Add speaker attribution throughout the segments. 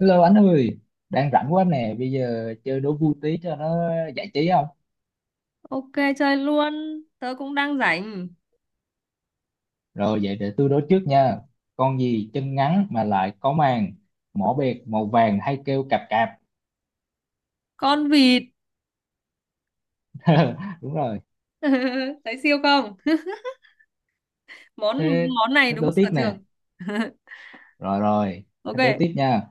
Speaker 1: Hello anh ơi, đang rảnh quá nè, bây giờ chơi đố vui tí cho nó giải trí không?
Speaker 2: Ok, chơi luôn, tớ cũng đang rảnh.
Speaker 1: Rồi vậy để tôi đố trước nha. Con gì chân ngắn mà lại có màng, mỏ bẹt màu vàng hay kêu cạp cạp.
Speaker 2: Con vịt.
Speaker 1: Đúng rồi,
Speaker 2: Thấy siêu không? Món
Speaker 1: thế
Speaker 2: món này
Speaker 1: thế
Speaker 2: đúng
Speaker 1: đố
Speaker 2: sở
Speaker 1: tiếp nè.
Speaker 2: trường.
Speaker 1: Rồi rồi,
Speaker 2: Ok,
Speaker 1: thế đố tiếp nha.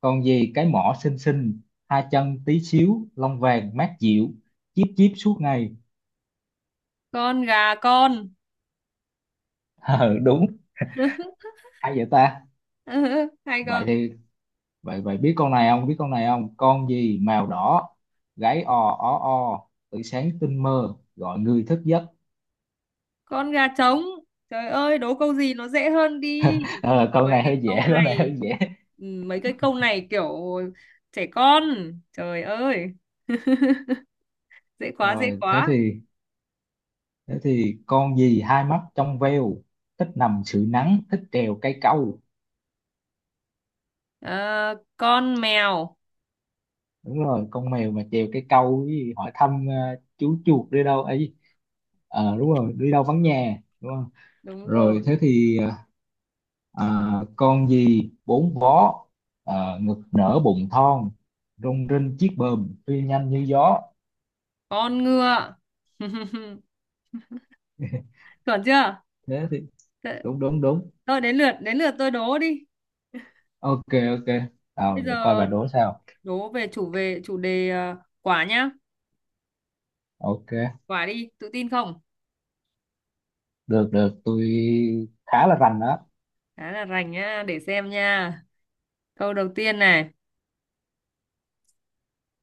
Speaker 1: Con gì cái mỏ xinh xinh, hai chân tí xíu, lông vàng mát dịu, chíp chíp suốt ngày.
Speaker 2: con gà con.
Speaker 1: Ờ, đúng, hay vậy ta?
Speaker 2: Hay
Speaker 1: Vậy
Speaker 2: không?
Speaker 1: thì vậy vậy biết con này không, con gì màu đỏ, gáy ò ó o, tự sáng tinh mơ gọi người thức giấc.
Speaker 2: Con gà trống. Trời ơi, đố câu gì nó dễ hơn đi.
Speaker 1: Ờ, con
Speaker 2: Mấy
Speaker 1: này
Speaker 2: cái
Speaker 1: hơi dễ
Speaker 2: câu
Speaker 1: con này hơi
Speaker 2: này,
Speaker 1: dễ
Speaker 2: ừ, mấy cái câu này kiểu trẻ con. Trời ơi. Dễ quá, dễ
Speaker 1: Rồi, thế
Speaker 2: quá.
Speaker 1: thì thế thì con gì hai mắt trong veo, thích nằm sưởi nắng, thích trèo cây câu?
Speaker 2: Ờ, con mèo.
Speaker 1: Đúng rồi, con mèo mà trèo cây câu với hỏi thăm chú chuột đi đâu ấy. Ờ, đúng rồi, đi đâu vắng nhà, đúng không?
Speaker 2: Đúng
Speaker 1: Rồi,
Speaker 2: rồi.
Speaker 1: thế thì, à, con gì bốn vó, ngực nở bụng thon, rung rinh chiếc bờm, phi nhanh như gió.
Speaker 2: Con ngựa. Chuẩn chưa?
Speaker 1: Thế thì đúng, đúng, đúng.
Speaker 2: Thôi, đến lượt tôi đố đi.
Speaker 1: Ok, ok,
Speaker 2: Bây
Speaker 1: nào để coi
Speaker 2: giờ
Speaker 1: bà đố sao.
Speaker 2: đố về chủ đề, quả nhá.
Speaker 1: Ok,
Speaker 2: Quả đi, tự tin không?
Speaker 1: được, được, tôi khá là rành đó.
Speaker 2: Khá là rành nhá, để xem nha. Câu đầu tiên này,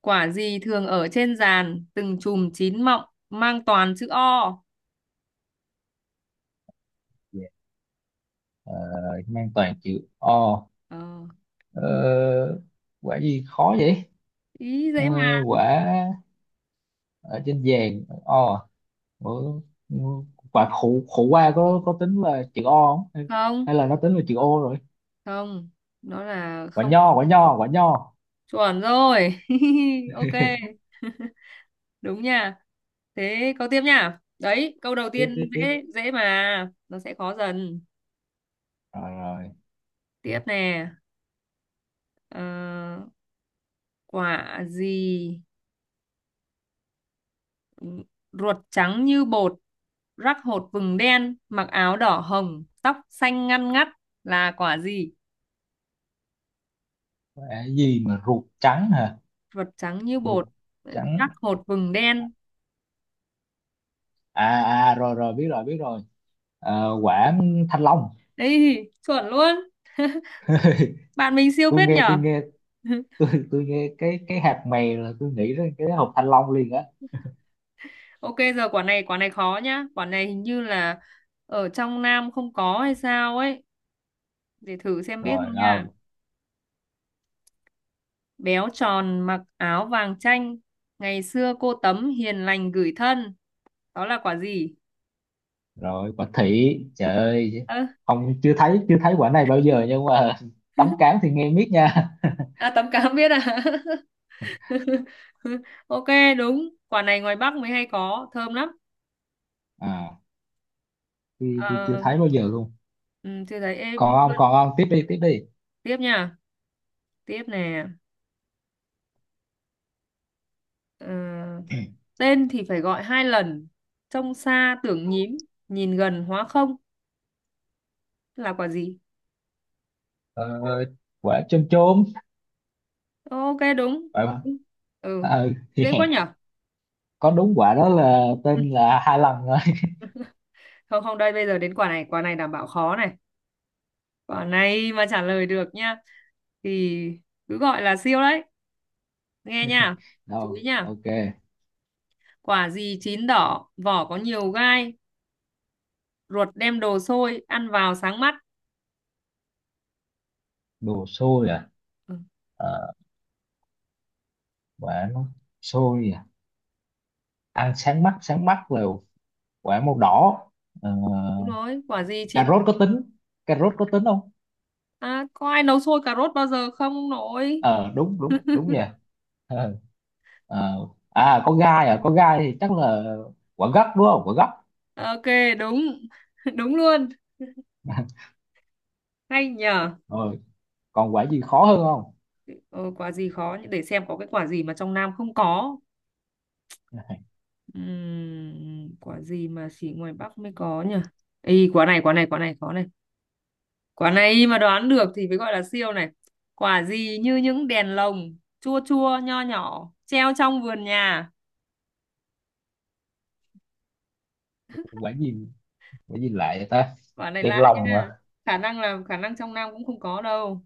Speaker 2: quả gì thường ở trên giàn, từng chùm chín mọng, mang toàn chữ O.
Speaker 1: Dạ. Ờ, mang toàn chữ O.
Speaker 2: Ờ,
Speaker 1: Ờ, quả gì khó vậy?
Speaker 2: Ý dễ
Speaker 1: Ờ,
Speaker 2: mà.
Speaker 1: quả ở trên vàng O. Ờ, quả khổ khổ qua có tính là chữ O không, hay
Speaker 2: Không,
Speaker 1: hay là nó tính là chữ O rồi?
Speaker 2: không, nó là
Speaker 1: Quả
Speaker 2: không
Speaker 1: nho, quả nho, quả nho.
Speaker 2: chuẩn rồi. Ok, đúng nha. Thế câu tiếp nha. Đấy, câu đầu
Speaker 1: Tiếp,
Speaker 2: tiên
Speaker 1: tiếp, tiếp.
Speaker 2: dễ dễ mà, nó sẽ khó dần.
Speaker 1: Rồi rồi.
Speaker 2: Tiếp nè. Ờ, Quả gì ruột trắng như bột, rắc hột vừng đen, mặc áo đỏ hồng, tóc xanh ngăn ngắt, là quả gì?
Speaker 1: Cái gì mà ruột trắng hả?
Speaker 2: Ruột trắng như
Speaker 1: Ruột
Speaker 2: bột,
Speaker 1: trắng.
Speaker 2: rắc hột vừng đen.
Speaker 1: À, à, rồi rồi, biết rồi, biết rồi. Ờ, quả thanh long.
Speaker 2: Ấy, chuẩn luôn. Bạn mình siêu
Speaker 1: Tôi
Speaker 2: phết
Speaker 1: nghe, tôi
Speaker 2: nhở.
Speaker 1: nghe. Tôi nghe cái hạt mè là tôi nghĩ đến cái hộp thanh long liền á.
Speaker 2: Ok, giờ quả này khó nhá. Quả này hình như là ở trong Nam không có hay sao ấy, để thử xem biết
Speaker 1: Rồi,
Speaker 2: không nha.
Speaker 1: đâu?
Speaker 2: Béo tròn mặc áo vàng chanh, ngày xưa cô Tấm hiền lành gửi thân, đó là quả gì?
Speaker 1: Rồi quả thị, trời ơi.
Speaker 2: Ơ,
Speaker 1: Không, chưa thấy quả này bao giờ, nhưng mà tấm cám thì nghe miết nha.
Speaker 2: à, Tấm Cám biết à? Ok, đúng. Quả này ngoài Bắc mới hay có, thơm lắm.
Speaker 1: À, tôi chưa
Speaker 2: Ờ,
Speaker 1: thấy bao giờ luôn.
Speaker 2: ừ, chưa thấy
Speaker 1: Còn
Speaker 2: em.
Speaker 1: không, còn không? Tiếp đi, tiếp đi.
Speaker 2: Tiếp nha, tiếp nè. Ờ, tên thì phải gọi hai lần, trông xa tưởng nhím, nhìn gần hóa không, là quả gì?
Speaker 1: ờ, Quả chôm chôm.
Speaker 2: Ok, đúng.
Speaker 1: Quả,
Speaker 2: Ừ,
Speaker 1: ừ thì.
Speaker 2: dễ quá nhở.
Speaker 1: Có, đúng, quả đó là tên là hai lần rồi.
Speaker 2: Không, không, đây bây giờ đến quả này. Quả này đảm bảo khó này. Quả này mà trả lời được nhá thì cứ gọi là siêu đấy. Nghe nha, chú ý
Speaker 1: Đâu,
Speaker 2: nha.
Speaker 1: ok.
Speaker 2: Quả gì chín đỏ, vỏ có nhiều gai, ruột đem đồ sôi, ăn vào sáng mắt.
Speaker 1: Đồ xôi à?
Speaker 2: Ừ,
Speaker 1: Ờ, quả nó xôi à? Ăn sáng mắt, sáng mắt là quả màu đỏ. ờ,
Speaker 2: đúng rồi, quả gì
Speaker 1: Cà
Speaker 2: chín...
Speaker 1: rốt có tính, cà rốt có tính không?
Speaker 2: À, có ai nấu sôi cà rốt bao giờ không nội?
Speaker 1: Ờ, đúng, đúng, đúng vậy. Ờ, ờ. À, có gai à, có gai thì chắc là quả gấc, đúng không, quả gấc?
Speaker 2: Ok, đúng. Đúng luôn. Hay nhờ.
Speaker 1: Rồi, còn quả gì khó hơn không?
Speaker 2: Ờ, quả gì khó nhỉ? Để xem có cái quả gì mà trong Nam không có. Quả gì mà chỉ ngoài Bắc mới có nhỉ? Ý, quả này khó này. Quả này mà đoán được thì mới gọi là siêu này. Quả gì như những đèn lồng, chua chua, nho nhỏ, treo trong vườn nhà.
Speaker 1: quả gì quả gì lại vậy ta?
Speaker 2: Quả này
Speaker 1: Đèn
Speaker 2: lạ
Speaker 1: lồng
Speaker 2: nha.
Speaker 1: à?
Speaker 2: Khả năng trong Nam cũng không có đâu.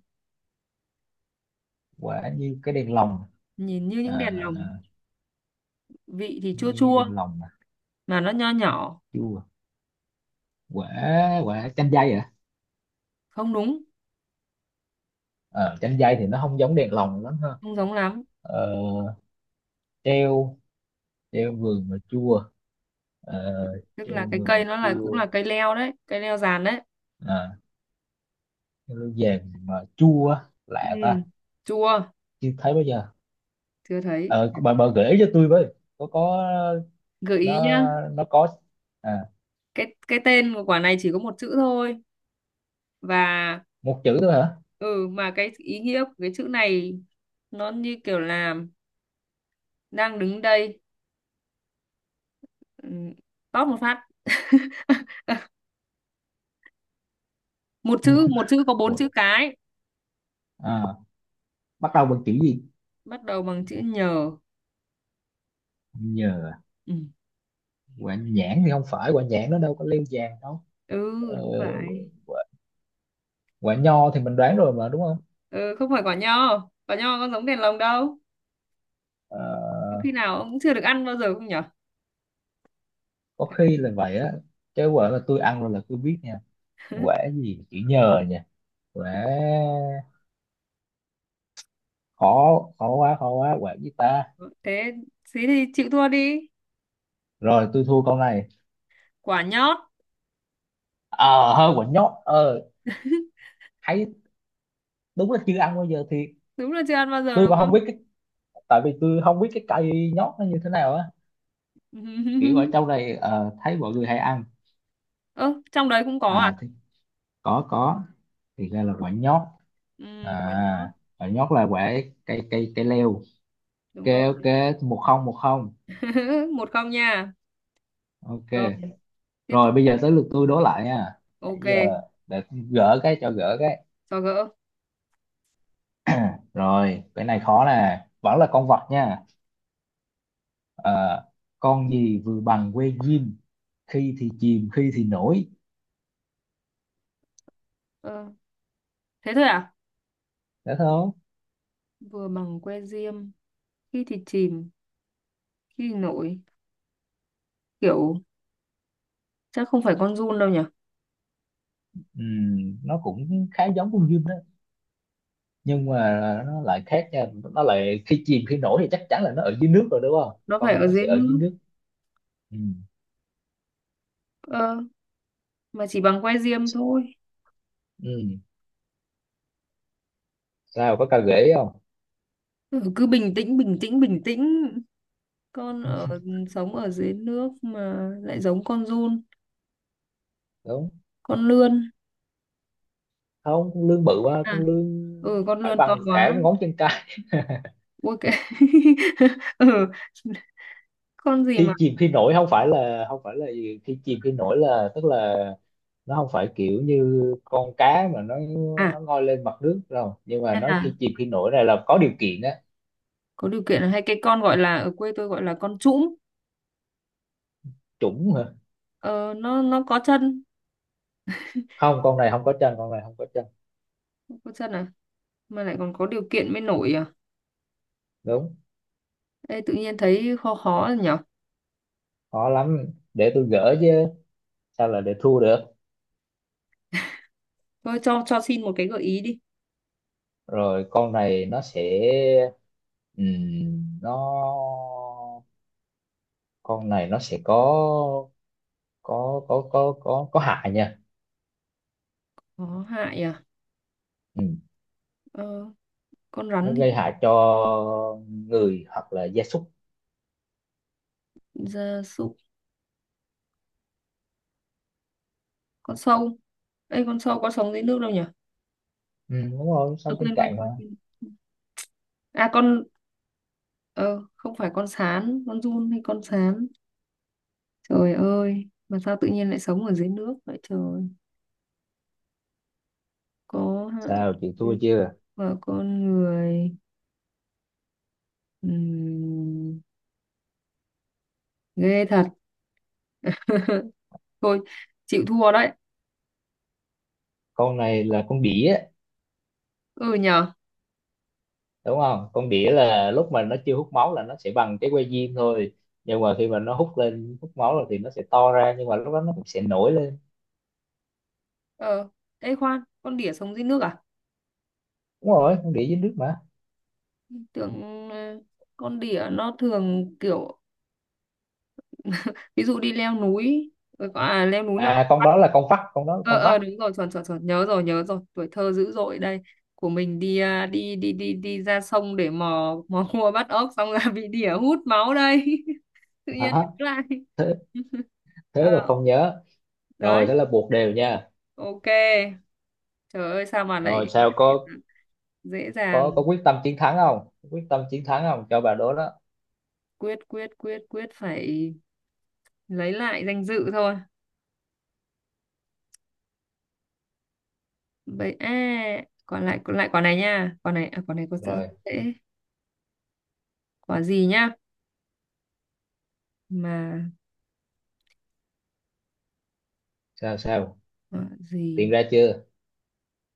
Speaker 1: Quả như cái đèn lồng.
Speaker 2: Nhìn như
Speaker 1: À,
Speaker 2: những đèn lồng, vị thì chua
Speaker 1: như cái
Speaker 2: chua,
Speaker 1: đèn lồng à?
Speaker 2: mà nó nho nhỏ.
Speaker 1: Chưa à? Quả quả chanh dây à?
Speaker 2: Không đúng,
Speaker 1: Ờ, chanh dây thì nó không giống đèn lồng lắm ha.
Speaker 2: không giống lắm.
Speaker 1: Ờ, treo treo vườn mà chua. Ờ,
Speaker 2: Tức
Speaker 1: treo
Speaker 2: là cái
Speaker 1: vườn mà
Speaker 2: cây nó là cũng
Speaker 1: chua.
Speaker 2: là cây leo đấy, cây leo giàn đấy.
Speaker 1: À, treo vàng mà chua á.
Speaker 2: Ừ,
Speaker 1: Lạ ta.
Speaker 2: chua,
Speaker 1: Chưa thấy bao giờ.
Speaker 2: chưa thấy.
Speaker 1: Ờ, bà gợi ý cho tôi với, có.
Speaker 2: Gợi ý nhá.
Speaker 1: nó nó có. À,
Speaker 2: Cái tên của quả này chỉ có một chữ thôi, và
Speaker 1: một chữ thôi hả?
Speaker 2: ừ, mà cái ý nghĩa của cái chữ này nó như kiểu là đang đứng đây, ừ, tóp một phát. Một chữ có bốn
Speaker 1: Quả,
Speaker 2: chữ cái,
Speaker 1: à, bắt đầu bằng chữ gì?
Speaker 2: bắt đầu bằng chữ nhờ.
Speaker 1: Nhờ à.
Speaker 2: Ừ,
Speaker 1: Quả nhãn thì không phải, quả nhãn nó đâu có leo vàng đâu.
Speaker 2: ừ
Speaker 1: Ờ,
Speaker 2: không phải.
Speaker 1: quả, quả nho thì mình đoán rồi mà, đúng không?
Speaker 2: Ừ, không phải quả nho, quả nho có giống đèn lồng đâu.
Speaker 1: Ờ,
Speaker 2: Có khi nào ông cũng chưa được ăn bao giờ không nhở?
Speaker 1: có
Speaker 2: Khả năng.
Speaker 1: khi là vậy á. Chứ quả là tôi ăn rồi là tôi biết nha. Quả gì chữ nhờ nha? Quả, khó khó quá, khó quá, quả gì ta?
Speaker 2: Thế, thế thì chịu thua đi.
Speaker 1: Rồi, tôi thua câu này.
Speaker 2: Quả nhót.
Speaker 1: Ờ, hơi quả nhót ờ Thấy đúng là chưa ăn bao giờ thì
Speaker 2: Đúng là chưa ăn bao giờ
Speaker 1: tôi
Speaker 2: đúng
Speaker 1: còn
Speaker 2: không?
Speaker 1: không biết cái, tại vì tôi không biết cái cây nhót nó như thế nào á. Kiểu ở trong này thấy mọi người hay ăn.
Speaker 2: Ơ trong đấy cũng có
Speaker 1: À
Speaker 2: à?
Speaker 1: thì có, có. Thì ra là quả nhót.
Speaker 2: Ừ, quả nhót,
Speaker 1: À, quả nhót là quả cây cây cây leo.
Speaker 2: đúng
Speaker 1: Ok,
Speaker 2: rồi.
Speaker 1: ok, 1-0, 1-0.
Speaker 2: Một không nha.
Speaker 1: Ok.
Speaker 2: Rồi, tiếp theo.
Speaker 1: Rồi bây giờ tới lượt tôi đố lại nha. Nãy
Speaker 2: Ok,
Speaker 1: giờ để gỡ cái, cho gỡ cái.
Speaker 2: có gỡ.
Speaker 1: Rồi, cái này khó nè, vẫn là con vật nha. Ờ, con gì vừa bằng que diêm, khi thì chìm, khi thì nổi.
Speaker 2: Ờ, thế thôi à?
Speaker 1: Đã thấy không?
Speaker 2: Vừa bằng que diêm, khi thì chìm, khi thì nổi. Kiểu chắc không phải con giun đâu nhỉ?
Speaker 1: Nó cũng khá giống con diêm đó, nhưng mà nó lại khác nha. Nó lại khi chìm khi nổi thì chắc chắn là nó ở dưới nước rồi, đúng không?
Speaker 2: Nó
Speaker 1: Con
Speaker 2: phải
Speaker 1: này
Speaker 2: ở
Speaker 1: nó
Speaker 2: dưới
Speaker 1: sẽ ở dưới
Speaker 2: nước.
Speaker 1: nước. Ừm,
Speaker 2: Ờ, mà chỉ bằng que diêm thôi.
Speaker 1: ừm. Sao có cao ghế không?
Speaker 2: Ừ, cứ bình tĩnh. Con ở Sống ở dưới nước mà lại giống con giun,
Speaker 1: Đúng.
Speaker 2: con lươn.
Speaker 1: Không, con lươn bự quá,
Speaker 2: À,
Speaker 1: con lươn
Speaker 2: ừ con
Speaker 1: phải
Speaker 2: lươn to
Speaker 1: bằng cả
Speaker 2: quá.
Speaker 1: ngón chân.
Speaker 2: Ui cái. Ừ, con gì mà
Speaker 1: Thi chìm khi nổi không phải là gì. Thi chìm khi nổi là, tức là nó không phải kiểu như con cá mà
Speaker 2: à,
Speaker 1: nó ngoi lên mặt nước đâu, nhưng mà
Speaker 2: hay
Speaker 1: nó
Speaker 2: là
Speaker 1: khi chìm khi nổi này là có điều kiện á.
Speaker 2: có điều kiện, là hay cái con gọi là ở quê tôi gọi là con trũm.
Speaker 1: Chủng hả?
Speaker 2: Ờ, nó có chân.
Speaker 1: Không, con này không có chân,
Speaker 2: Có chân à? Mà lại còn có điều kiện mới nổi à?
Speaker 1: đúng.
Speaker 2: Ê, tự nhiên thấy khó khó rồi nhở?
Speaker 1: Khó lắm, để tôi gỡ chứ, sao là để thua được.
Speaker 2: Thôi, cho xin một cái gợi ý đi.
Speaker 1: Rồi, con này nó sẽ, nó, con này nó sẽ có hại nha.
Speaker 2: Có hại à?
Speaker 1: Ừ,
Speaker 2: Ờ, con
Speaker 1: nó
Speaker 2: rắn thì
Speaker 1: gây hại cho người hoặc là gia súc.
Speaker 2: gia súc, con sâu. Ê, con sâu có sống dưới nước đâu nhở?
Speaker 1: Ừ, đúng rồi,
Speaker 2: À,
Speaker 1: sống trên
Speaker 2: quên, quên,
Speaker 1: cạn mà.
Speaker 2: quên, quên. À, con, ờ, không phải con sán, con giun hay con sán. Trời ơi, mà sao tự nhiên lại sống ở dưới nước vậy trời? Có hại
Speaker 1: Sao, chị thua chưa?
Speaker 2: và con người. Ừm, ghê thật. Thôi, chịu thua đấy.
Speaker 1: Con này là con đỉa,
Speaker 2: Ừ nhở?
Speaker 1: đúng không, con đỉa là lúc mà nó chưa hút máu là nó sẽ bằng cái que diêm thôi, nhưng mà khi mà nó hút lên hút máu rồi thì nó sẽ to ra, nhưng mà lúc đó nó cũng sẽ nổi lên.
Speaker 2: Ờ, ê khoan, con đỉa sống dưới nước à?
Speaker 1: Đúng rồi, con đỉa dưới nước mà.
Speaker 2: Tưởng ờ, con đỉa nó thường kiểu ví dụ đi leo núi, ờ, à leo núi là
Speaker 1: À, con đó là con vắt,
Speaker 2: ờ ờ đúng rồi, chuẩn chuẩn chuẩn, nhớ rồi, tuổi thơ dữ dội đây. Của mình đi à, đi đi đi đi ra sông để mò mò cua bắt ốc, xong là bị đỉa hút máu đây. Tự nhiên
Speaker 1: đó,
Speaker 2: đứng lại.
Speaker 1: thế thế mà
Speaker 2: Ờ,
Speaker 1: không nhớ. Rồi, thế
Speaker 2: đấy,
Speaker 1: là buộc đều nha.
Speaker 2: ok. Trời ơi sao mà lại
Speaker 1: Rồi,
Speaker 2: có
Speaker 1: sao,
Speaker 2: thể
Speaker 1: có
Speaker 2: dễ
Speaker 1: có có
Speaker 2: dàng.
Speaker 1: quyết tâm chiến thắng không quyết tâm chiến thắng không cho bà đố đó?
Speaker 2: Quyết quyết quyết quyết phải lấy lại danh dự thôi. Vậy à, còn lại quả này nha. Quả này, à, quả này có sự hơi
Speaker 1: Rồi,
Speaker 2: dễ. Quả gì nhá mà,
Speaker 1: sao sao
Speaker 2: quả
Speaker 1: tìm
Speaker 2: gì,
Speaker 1: ra chưa?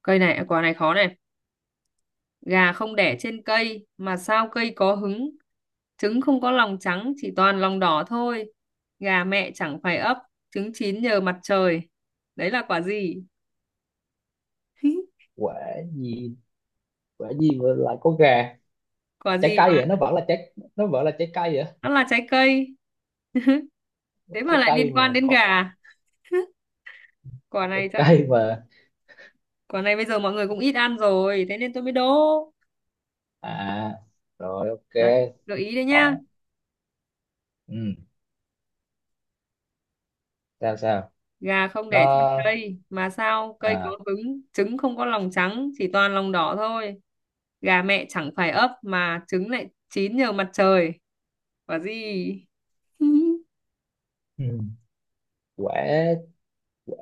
Speaker 2: cây này, à, quả này khó này. Gà không đẻ trên cây mà sao cây có hứng, trứng không có lòng trắng chỉ toàn lòng đỏ thôi, gà mẹ chẳng phải ấp, trứng chín nhờ mặt trời, đấy là quả gì?
Speaker 1: Quả nhiên, quả nhiên mà lại có gà.
Speaker 2: Quả
Speaker 1: Trái
Speaker 2: gì mà
Speaker 1: cây vậy, nó vẫn là trái cây vậy.
Speaker 2: nó là trái cây, thế mà
Speaker 1: Trái
Speaker 2: lại
Speaker 1: cây
Speaker 2: liên
Speaker 1: mà
Speaker 2: quan đến
Speaker 1: có,
Speaker 2: gà. quả này
Speaker 1: trái
Speaker 2: chắc-
Speaker 1: cây mà.
Speaker 2: Quả này bây giờ mọi người cũng ít ăn rồi, thế nên tôi mới đố
Speaker 1: À, rồi, ok.
Speaker 2: đấy. Gợi ý đấy nhá.
Speaker 1: Đó. Ừ. Sao, sao.
Speaker 2: Gà không đẻ trên
Speaker 1: Nó,
Speaker 2: cây mà sao cây có
Speaker 1: à.
Speaker 2: cứng, trứng không có lòng trắng chỉ toàn lòng đỏ thôi, gà mẹ chẳng phải ấp, mà trứng lại chín nhờ mặt trời, quả gì?
Speaker 1: Ừ. quả quả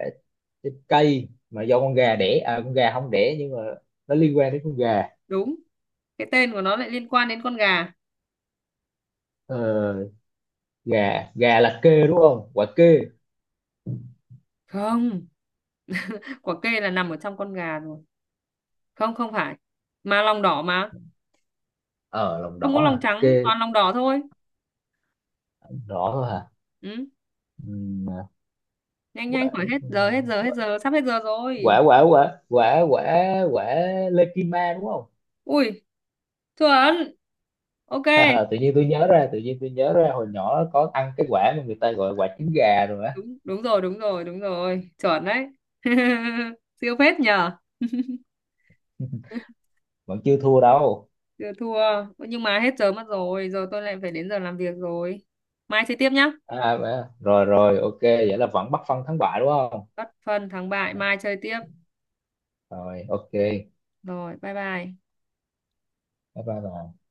Speaker 1: trái cây mà do con gà đẻ à? Con gà không đẻ nhưng mà nó liên quan đến con gà.
Speaker 2: Đúng, cái tên của nó lại liên quan đến con gà.
Speaker 1: Ờ, gà gà là kê, đúng không, quả kê?
Speaker 2: Không, quả kê là nằm ở trong con gà rồi, không không phải, mà lòng đỏ mà,
Speaker 1: Ờ, lòng
Speaker 2: không có
Speaker 1: đỏ
Speaker 2: lòng
Speaker 1: à,
Speaker 2: trắng
Speaker 1: kê.
Speaker 2: toàn lòng đỏ thôi.
Speaker 1: Đỏ thôi hả?
Speaker 2: Ừ.
Speaker 1: Ừ,
Speaker 2: Nhanh nhanh
Speaker 1: quả
Speaker 2: khỏi hết giờ, hết giờ, sắp hết giờ rồi.
Speaker 1: quả quả quả quả quả quả Lekima đúng không?
Speaker 2: Ui, chuẩn. Ok,
Speaker 1: Hờ, tự nhiên tôi nhớ ra tự nhiên tôi nhớ ra hồi nhỏ có ăn cái quả mà người ta gọi quả trứng gà rồi á.
Speaker 2: đúng, đúng rồi đúng rồi, chuẩn đấy. Siêu phết nhờ.
Speaker 1: Vẫn chưa thua đâu.
Speaker 2: Chưa thua. Nhưng mà hết giờ mất rồi, giờ tôi lại phải đến giờ làm việc rồi, mai chơi tiếp nhá.
Speaker 1: À, à, rồi rồi, ok, vậy là vẫn bắt phân thắng bại, đúng không?
Speaker 2: Bất phân thắng bại, mai chơi tiếp.
Speaker 1: Rồi, ok, bye.
Speaker 2: Rồi, bye bye.
Speaker 1: Bye bà.